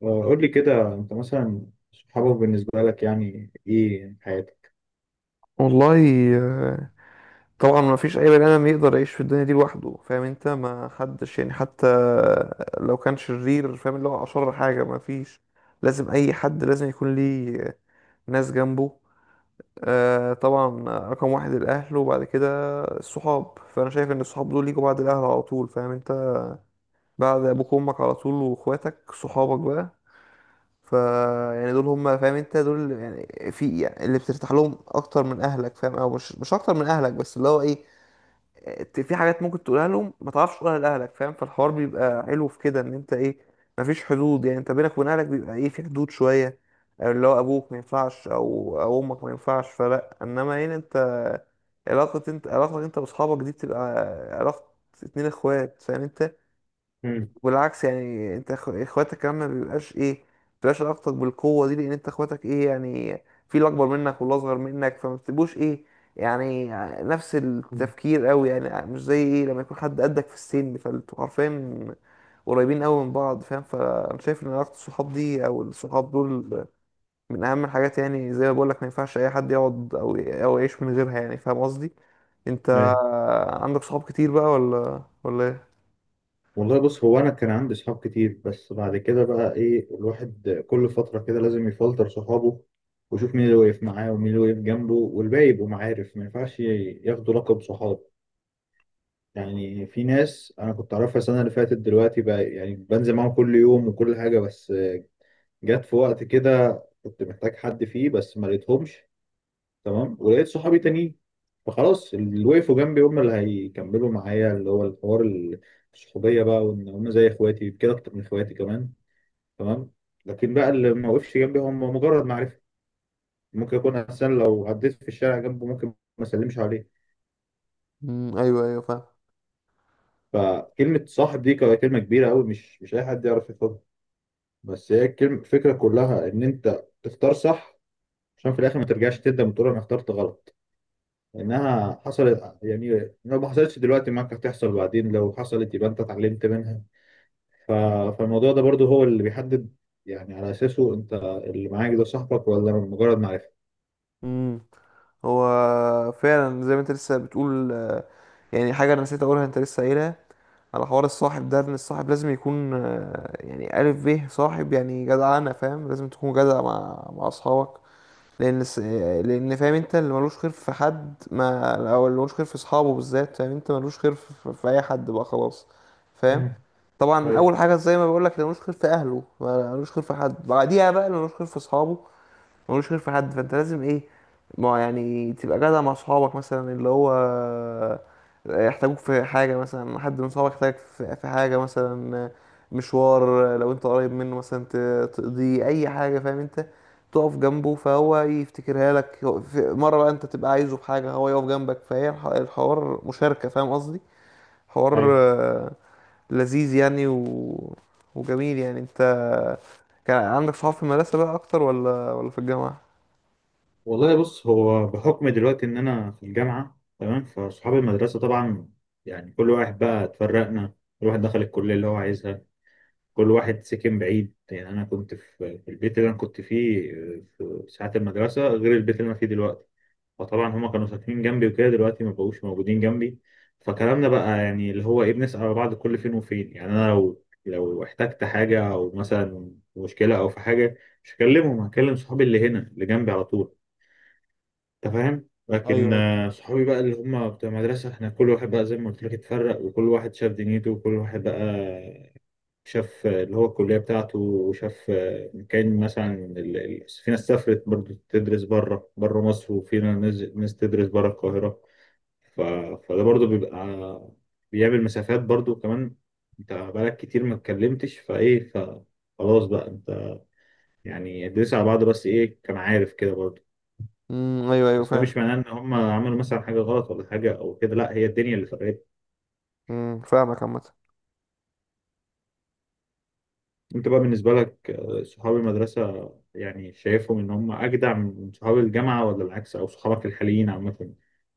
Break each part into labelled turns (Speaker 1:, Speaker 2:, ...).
Speaker 1: قول لي كده، انت مثلا صحابك بالنسبة لك يعني ايه في حياتك؟
Speaker 2: والله، آه، طبعا ما فيش اي بني ادم يقدر يعيش في الدنيا دي لوحده. فاهم انت؟ ما حدش، يعني حتى لو كان شرير، فاهم، اللي هو اشر حاجه، ما فيش. لازم اي حد لازم يكون ليه ناس جنبه. طبعا، رقم واحد الاهل، وبعد كده الصحاب. فانا شايف ان الصحاب دول يجوا بعد الاهل على طول، فاهم انت؟ بعد ابوك وامك على طول، واخواتك صحابك بقى. ف يعني دول هم، فاهم انت؟ دول يعني في، يعني اللي بترتاح لهم اكتر من اهلك، فاهم؟ او مش اكتر من اهلك، بس اللي هو ايه، في حاجات ممكن تقولها لهم ما تعرفش تقولها لاهلك، فاهم؟ فالحوار بيبقى حلو في كده، ان انت ايه، مفيش حدود. يعني انت بينك وبين اهلك بيبقى ايه، في حدود شويه. اللي هو ابوك ما ينفعش، او امك ما ينفعش فلا. انما هنا انت، انت علاقتك انت واصحابك دي بتبقى علاقه اتنين اخوات، فاهم انت؟
Speaker 1: مم.
Speaker 2: والعكس، يعني انت اخواتك كمان ما بيبقاش ايه، ما بتبقاش علاقتك بالقوه دي، لان انت اخواتك ايه، يعني في اللي اكبر منك واللي اصغر منك، فما بتبقوش ايه، يعني نفس
Speaker 1: مم.
Speaker 2: التفكير قوي، يعني مش زي ايه لما يكون حد قدك في السن، فانتوا عارفين قريبين قوي من بعض، فاهم. فانا شايف ان علاقه الصحاب دي، او الصحاب دول، من اهم الحاجات. يعني زي ما بقول لك، ما ينفعش اي حد يقعد او يعيش من غيرها، يعني فاهم قصدي. انت
Speaker 1: ايوه.
Speaker 2: عندك صحاب كتير بقى ولا ايه؟
Speaker 1: والله، بص هو انا كان عندي صحاب كتير، بس بعد كده بقى ايه الواحد كل فترة كده لازم يفلتر صحابه، ويشوف مين اللي واقف معاه ومين اللي واقف جنبه، والباقي يبقوا معارف ما ينفعش ياخدوا لقب صحاب. يعني في ناس انا كنت اعرفها السنة اللي فاتت، دلوقتي بقى يعني بنزل معاهم كل يوم وكل حاجة. بس جت في وقت كده كنت محتاج حد فيه، بس ما لقيتهمش. تمام. ولقيت صحابي تانيين، فخلاص اللي وقفوا جنبي هم اللي هيكملوا معايا اللي هو الحوار الصحوبية بقى، وإن هم زي إخواتي كده، أكتر من إخواتي كمان. تمام. لكن بقى اللي ما وقفش جنبي هم مجرد معرفة. ممكن يكون أحسن لو عديت في الشارع جنبه ممكن ما أسلمش عليه.
Speaker 2: امم، ايوه ايوه، فاهم.
Speaker 1: فكلمة صاحب دي كلمة كبيرة أوي، مش أي حد يعرف ياخدها. بس هي الكلمة، الفكرة كلها إن أنت تختار صح، عشان في الآخر ما ترجعش تندم وتقول أنا اخترت غلط. انها حصلت يعني، لو ما حصلتش دلوقتي معاك هتحصل بعدين، لو حصلت يبقى انت اتعلمت منها. ف... فالموضوع ده برضو هو اللي بيحدد، يعني على اساسه انت اللي معاك ده صاحبك، ولا مجرد معرفة.
Speaker 2: مم. هو فعلا زي ما انت لسه بتقول، يعني حاجة انا نسيت اقولها انت لسه قايلها، على حوار الصاحب ده، ان الصاحب لازم يكون، يعني ألف به صاحب، يعني جدعانة فاهم، لازم تكون جدع مع اصحابك. لان الس- آه، لان فاهم انت اللي ملوش خير في حد ما، او اللي ملوش خير في اصحابه بالذات، فاهم انت ملوش خير في اي حد بقى خلاص، فاهم.
Speaker 1: مم.
Speaker 2: طبعا
Speaker 1: ايوه،
Speaker 2: اول حاجه زي ما بقول لك، اللي ملوش خير في اهله ملوش خير في حد، بعديها بقى اللي ملوش خير في اصحابه ملوش خير في حد. فانت لازم ايه، ما يعني تبقى جدع مع صحابك، مثلا اللي هو يحتاجوك في حاجة، مثلا حد من صحابك يحتاجك في حاجة، مثلا مشوار، لو انت قريب منه مثلا تقضي اي حاجة، فاهم انت، تقف جنبه فهو يفتكرها لك. في مرة بقى انت تبقى عايزه في حاجة، هو يقف جنبك. فهي الحوار مشاركة، فاهم قصدي؟ حوار
Speaker 1: ايوه.
Speaker 2: لذيذ يعني، وجميل يعني. انت كان عندك صحاب في المدرسة بقى اكتر ولا في الجامعة؟
Speaker 1: والله، بص هو بحكم دلوقتي ان انا في الجامعة. تمام. فصحاب المدرسة طبعا يعني كل واحد بقى اتفرقنا، كل واحد دخل الكلية اللي هو عايزها، كل واحد سكن بعيد. يعني انا كنت في البيت اللي انا كنت فيه في ساعات المدرسة غير البيت اللي انا فيه دلوقتي. فطبعا هما كانوا ساكنين جنبي وكده، دلوقتي ما بقوش موجودين جنبي. فكلامنا بقى يعني اللي هو ايه بنسأل على بعض كل فين وفين. يعني انا لو احتجت حاجة او مثلا مشكلة او في حاجة، مش هكلمهم، هكلم صحابي اللي هنا اللي جنبي على طول. انت فاهم.
Speaker 2: ايوه
Speaker 1: لكن
Speaker 2: ايوه.
Speaker 1: صحابي بقى اللي هم بتوع المدرسة، احنا كل واحد بقى زي ما قلت لك اتفرق، وكل واحد شاف دنيته، وكل واحد بقى شاف اللي هو الكلية بتاعته، وشاف كان مثلا في ناس سافرت برضه تدرس بره مصر، وفي ناس تدرس بره القاهرة. ف... فده برضو بيبقى بيعمل مسافات برضو كمان. انت بقالك كتير ما اتكلمتش. فايه، فخلاص بقى انت يعني ادرس على بعض، بس ايه كان عارف كده برضو.
Speaker 2: امم، ايوه ايوه
Speaker 1: بس ده
Speaker 2: فعلا.
Speaker 1: مش معناه ان هم عملوا مثلا حاجه غلط ولا حاجه او كده، لا هي الدنيا اللي فرقت.
Speaker 2: امم، فاهمك عامه.
Speaker 1: انت بقى بالنسبه لك، صحاب المدرسه يعني شايفهم ان هم اجدع من صحاب الجامعه ولا العكس، او صحابك الحاليين عامه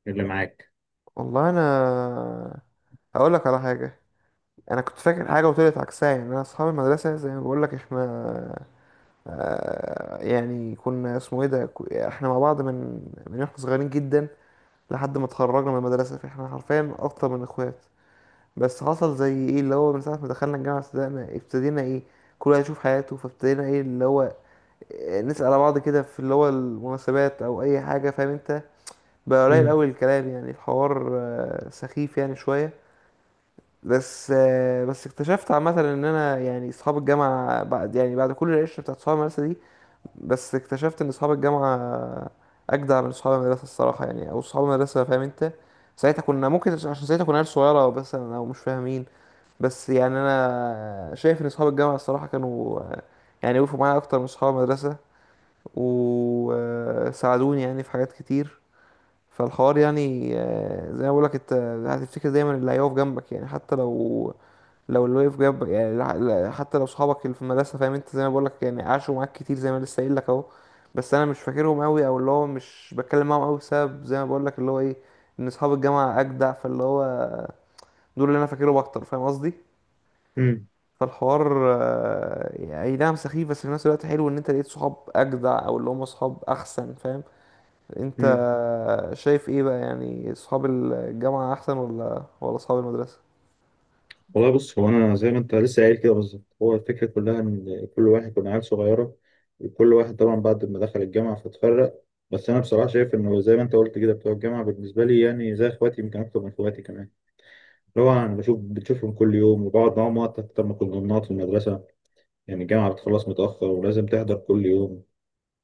Speaker 1: اللي معاك؟
Speaker 2: والله انا هقول لك على حاجه. انا كنت فاكر حاجه وطلعت عكسها. يعني انا اصحاب المدرسه زي ما بقول لك، احنا يعني كنا اسمه ايه ده، احنا مع بعض من احنا صغيرين جدا، لحد ما اتخرجنا من المدرسه. فاحنا حرفيا اكتر من اخوات. بس حصل زي ايه، اللي هو من ساعه ما دخلنا الجامعه، ابتدينا ايه، كل واحد يشوف حياته. فابتدينا ايه اللي هو نسأل على بعض كده في اللي هو المناسبات او اي حاجه، فاهم انت. بقى قليل
Speaker 1: مم.
Speaker 2: قوي الكلام، يعني الحوار سخيف يعني شوية. بس اكتشفت عامة ان انا يعني اصحاب الجامعة، بعد كل العشرة بتاعت اصحاب المدرسة دي، بس اكتشفت ان اصحاب الجامعة اجدع من اصحاب المدرسة الصراحة يعني. او اصحاب المدرسة فاهم انت، ساعتها كنا ممكن، عشان ساعتها كنا عيال صغيرة او بس، او مش فاهمين. بس يعني انا شايف ان اصحاب الجامعة الصراحة كانوا يعني وقفوا معايا اكتر من اصحاب المدرسة، وساعدوني يعني في حاجات كتير. فالحوار يعني زي ما بقول لك، انت هتفتكر دايما اللي هيقف جنبك. يعني حتى لو اللي واقف جنبك يعني، حتى لو صحابك اللي في المدرسه، فاهم انت، زي ما بقول لك، يعني عاشوا معاك كتير، زي ما لسه قايل لك اهو. بس انا مش فاكرهم قوي، او اللي هو مش بتكلم معاهم قوي، بسبب زي ما بقول لك اللي هو ايه، ان اصحاب الجامعه اجدع، فاللي هو دول اللي انا فاكرهم اكتر، فاهم قصدي.
Speaker 1: مم.
Speaker 2: فالحوار يعني اي نعم سخيف، بس في نفس الوقت حلو، ان انت لقيت صحاب اجدع، او اللي هم صحاب احسن، فاهم. انت
Speaker 1: مم.
Speaker 2: شايف ايه بقى، يعني اصحاب الجامعة احسن ولا اصحاب المدرسة؟
Speaker 1: والله، بص هو انا زي ما انت لسه قايل كده بالظبط، هو الفكره كلها ان كل واحد كنا عيال صغيره، وكل واحد طبعا بعد ما دخل الجامعه فاتفرق. بس انا بصراحه شايف انه زي ما انت قلت كده، بتوع الجامعه بالنسبه لي يعني زي اخواتي، يمكن اكتر من اخواتي كمان. اللي هو انا بشوف بتشوفهم كل يوم وبقعد معاهم وقت اكتر ما كنا بنقعد في المدرسه. يعني الجامعه بتخلص متاخر ولازم تحضر كل يوم،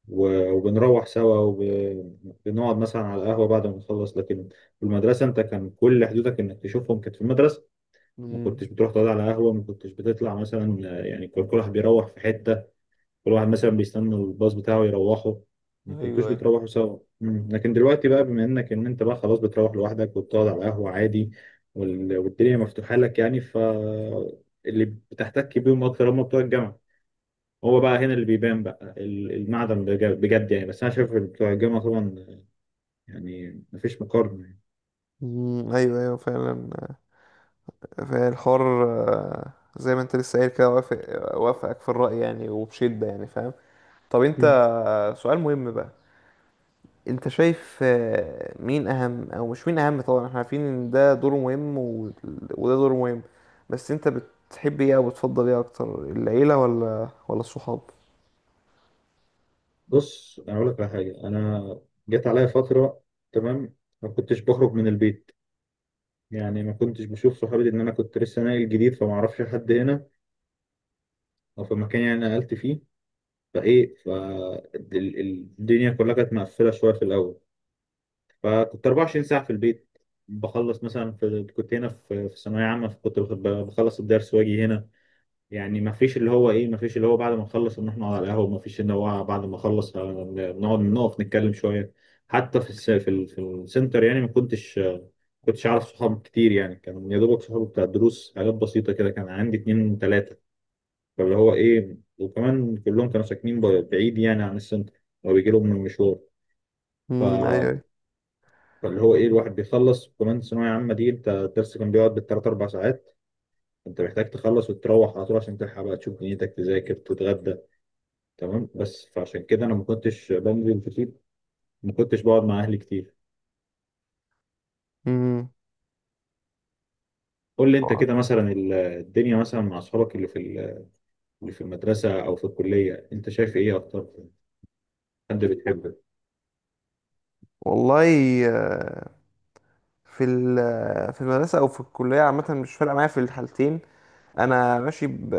Speaker 1: وبنروح سوا، وبنقعد مثلا على القهوه بعد ما نخلص. لكن في المدرسه انت كان كل حدودك انك تشوفهم كانت في المدرسه. ما
Speaker 2: امم،
Speaker 1: كنتش بتروح تقعد على قهوة، ما كنتش بتطلع مثلا، يعني كل واحد بيروح في حتة، كل واحد مثلا بيستنى الباص بتاعه يروحه، ما
Speaker 2: ايوه
Speaker 1: كنتوش
Speaker 2: ايوه.
Speaker 1: بتروحوا سوا. مم. لكن دلوقتي بقى، بما ان انت بقى خلاص بتروح لوحدك وبتقعد على قهوة عادي، والدنيا مفتوحة لك يعني. اللي بتحتك بيهم اكتر هم بتوع الجامعة. هو بقى هنا اللي بيبان بقى المعدن بجد يعني. بس انا شايف إن بتوع الجامعة طبعا، يعني مفيش مقارنة.
Speaker 2: مم، ايوه ايوه فعلا. فعلا الحوار زي ما انت لسه قايل كده، وافقك في الرأي يعني، وبشدة يعني، فاهم. طب انت
Speaker 1: يعني.
Speaker 2: سؤال مهم بقى. انت شايف مين اهم، او مش مين اهم، طبعا احنا عارفين ان ده دوره مهم، وده دوره مهم، بس انت بتحب ايه، او بتفضل ايه اكتر، العيلة ولا الصحاب؟
Speaker 1: بص، انا اقول لك على حاجه. انا جت عليا فتره. تمام. ما كنتش بخرج من البيت، يعني ما كنتش بشوف صحابي، لان انا كنت لسه ناقل جديد، فما اعرفش حد هنا، او في مكان يعني أنا نقلت فيه. فايه، فالدنيا كلها كانت مقفله شويه في الاول. فكنت 24 ساعه في البيت. بخلص مثلا، في كنت هنا في ثانويه عامه، فكنت بخلص الدرس واجي هنا. يعني ما فيش اللي هو ايه، ما فيش اللي هو بعد ما نخلص نروح نقعد على القهوه، ما فيش اللي هو بعد ما اخلص نقعد نقف نتكلم شويه. حتى في في السنتر، يعني ما كنتش اعرف صحاب كتير. يعني كان يا دوبك صحابي بتاع الدروس، حاجات بسيطه كده، كان عندي اتنين تلاته. فاللي هو ايه، وكمان كلهم كانوا ساكنين بعيد يعني عن السنتر، وبيجي لهم من المشوار.
Speaker 2: امم،
Speaker 1: ف...
Speaker 2: ايوه
Speaker 1: فاللي هو ايه الواحد بيخلص، وكمان ثانويه عامه دي انت الدرس كان بيقعد بالثلاث اربع ساعات. انت محتاج تخلص وتروح على طول عشان تلحق بقى تشوف دنيتك، تذاكر، تتغدى. تمام. بس فعشان كده انا ما كنتش بنزل كتير، ما كنتش بقعد مع اهلي كتير.
Speaker 2: ايوه.
Speaker 1: قول لي انت
Speaker 2: آه،
Speaker 1: كده مثلا، الدنيا مثلا مع اصحابك اللي في اللي في المدرسه او في الكليه، انت شايف ايه اكتر؟ حد بتحبه؟
Speaker 2: والله، آه، في في المدرسة أو في الكلية عامة، مش فارقة معايا في الحالتين. أنا ماشي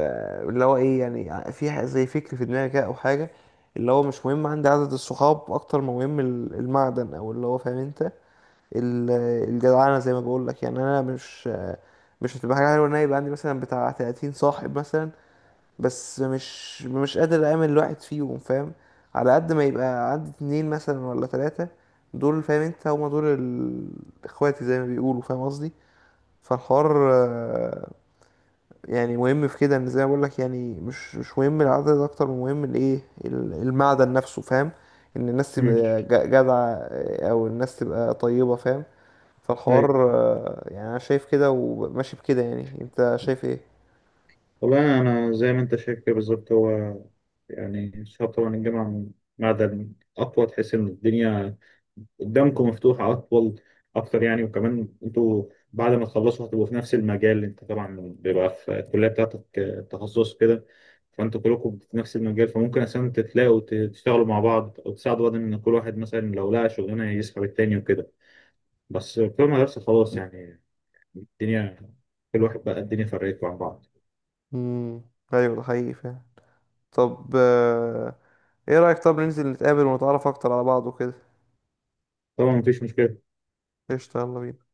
Speaker 2: اللي هو إيه، يعني في زي فكر في دماغي كده أو حاجة، اللي هو مش مهم عندي عدد الصحاب، أكتر ما مهم المعدن، أو اللي هو فاهم أنت الجدعنة، زي ما بقول لك. يعني أنا مش هتبقى حاجة حلوة إن أنا يبقى عندي مثلا بتاع 30 صاحب مثلا، بس مش قادر اعمل الواحد فيهم، فاهم. على قد ما يبقى عندي اتنين مثلا ولا تلاتة، دول فاهم انت، هما دول اخواتي زي ما بيقولوا، فاهم قصدي. فالحوار يعني مهم في كده، ان زي ما بقول لك، يعني مش مهم العدد، اكتر من مهم المعدن نفسه، فاهم. ان الناس
Speaker 1: امم
Speaker 2: تبقى جدعة، او الناس تبقى طيبة، فاهم. فالحوار يعني انا شايف كده وماشي بكده، يعني انت شايف ايه؟
Speaker 1: والله، أنا زي ما أنت شايف كده بالظبط، هو يعني شاطر طبعا الجامعة، معدن أقوى، تحس إن الدنيا قدامكم مفتوحة أطول أكتر يعني، وكمان أنتوا بعد ما تخلصوا هتبقوا في نفس المجال. أنت طبعا بيبقى في الكلية بتاعتك تخصص كده. فأنتوا كلكم في نفس المجال، فممكن أساسا تتلاقوا تشتغلوا مع بعض أو تساعدوا بعض، إن كل واحد مثلا لو لقى شغلانة يسحب التاني وكده. بس في المدرسة خلاص يعني، الدنيا، كل واحد بقى الدنيا فرقته عن بعض.
Speaker 2: مم. ايوه، ده حقيقي فاهم. طب ايه رأيك، طب ننزل نتقابل ونتعرف اكتر على بعض وكده؟
Speaker 1: طبعا مفيش مشكلة.
Speaker 2: قشطة، يلا بينا.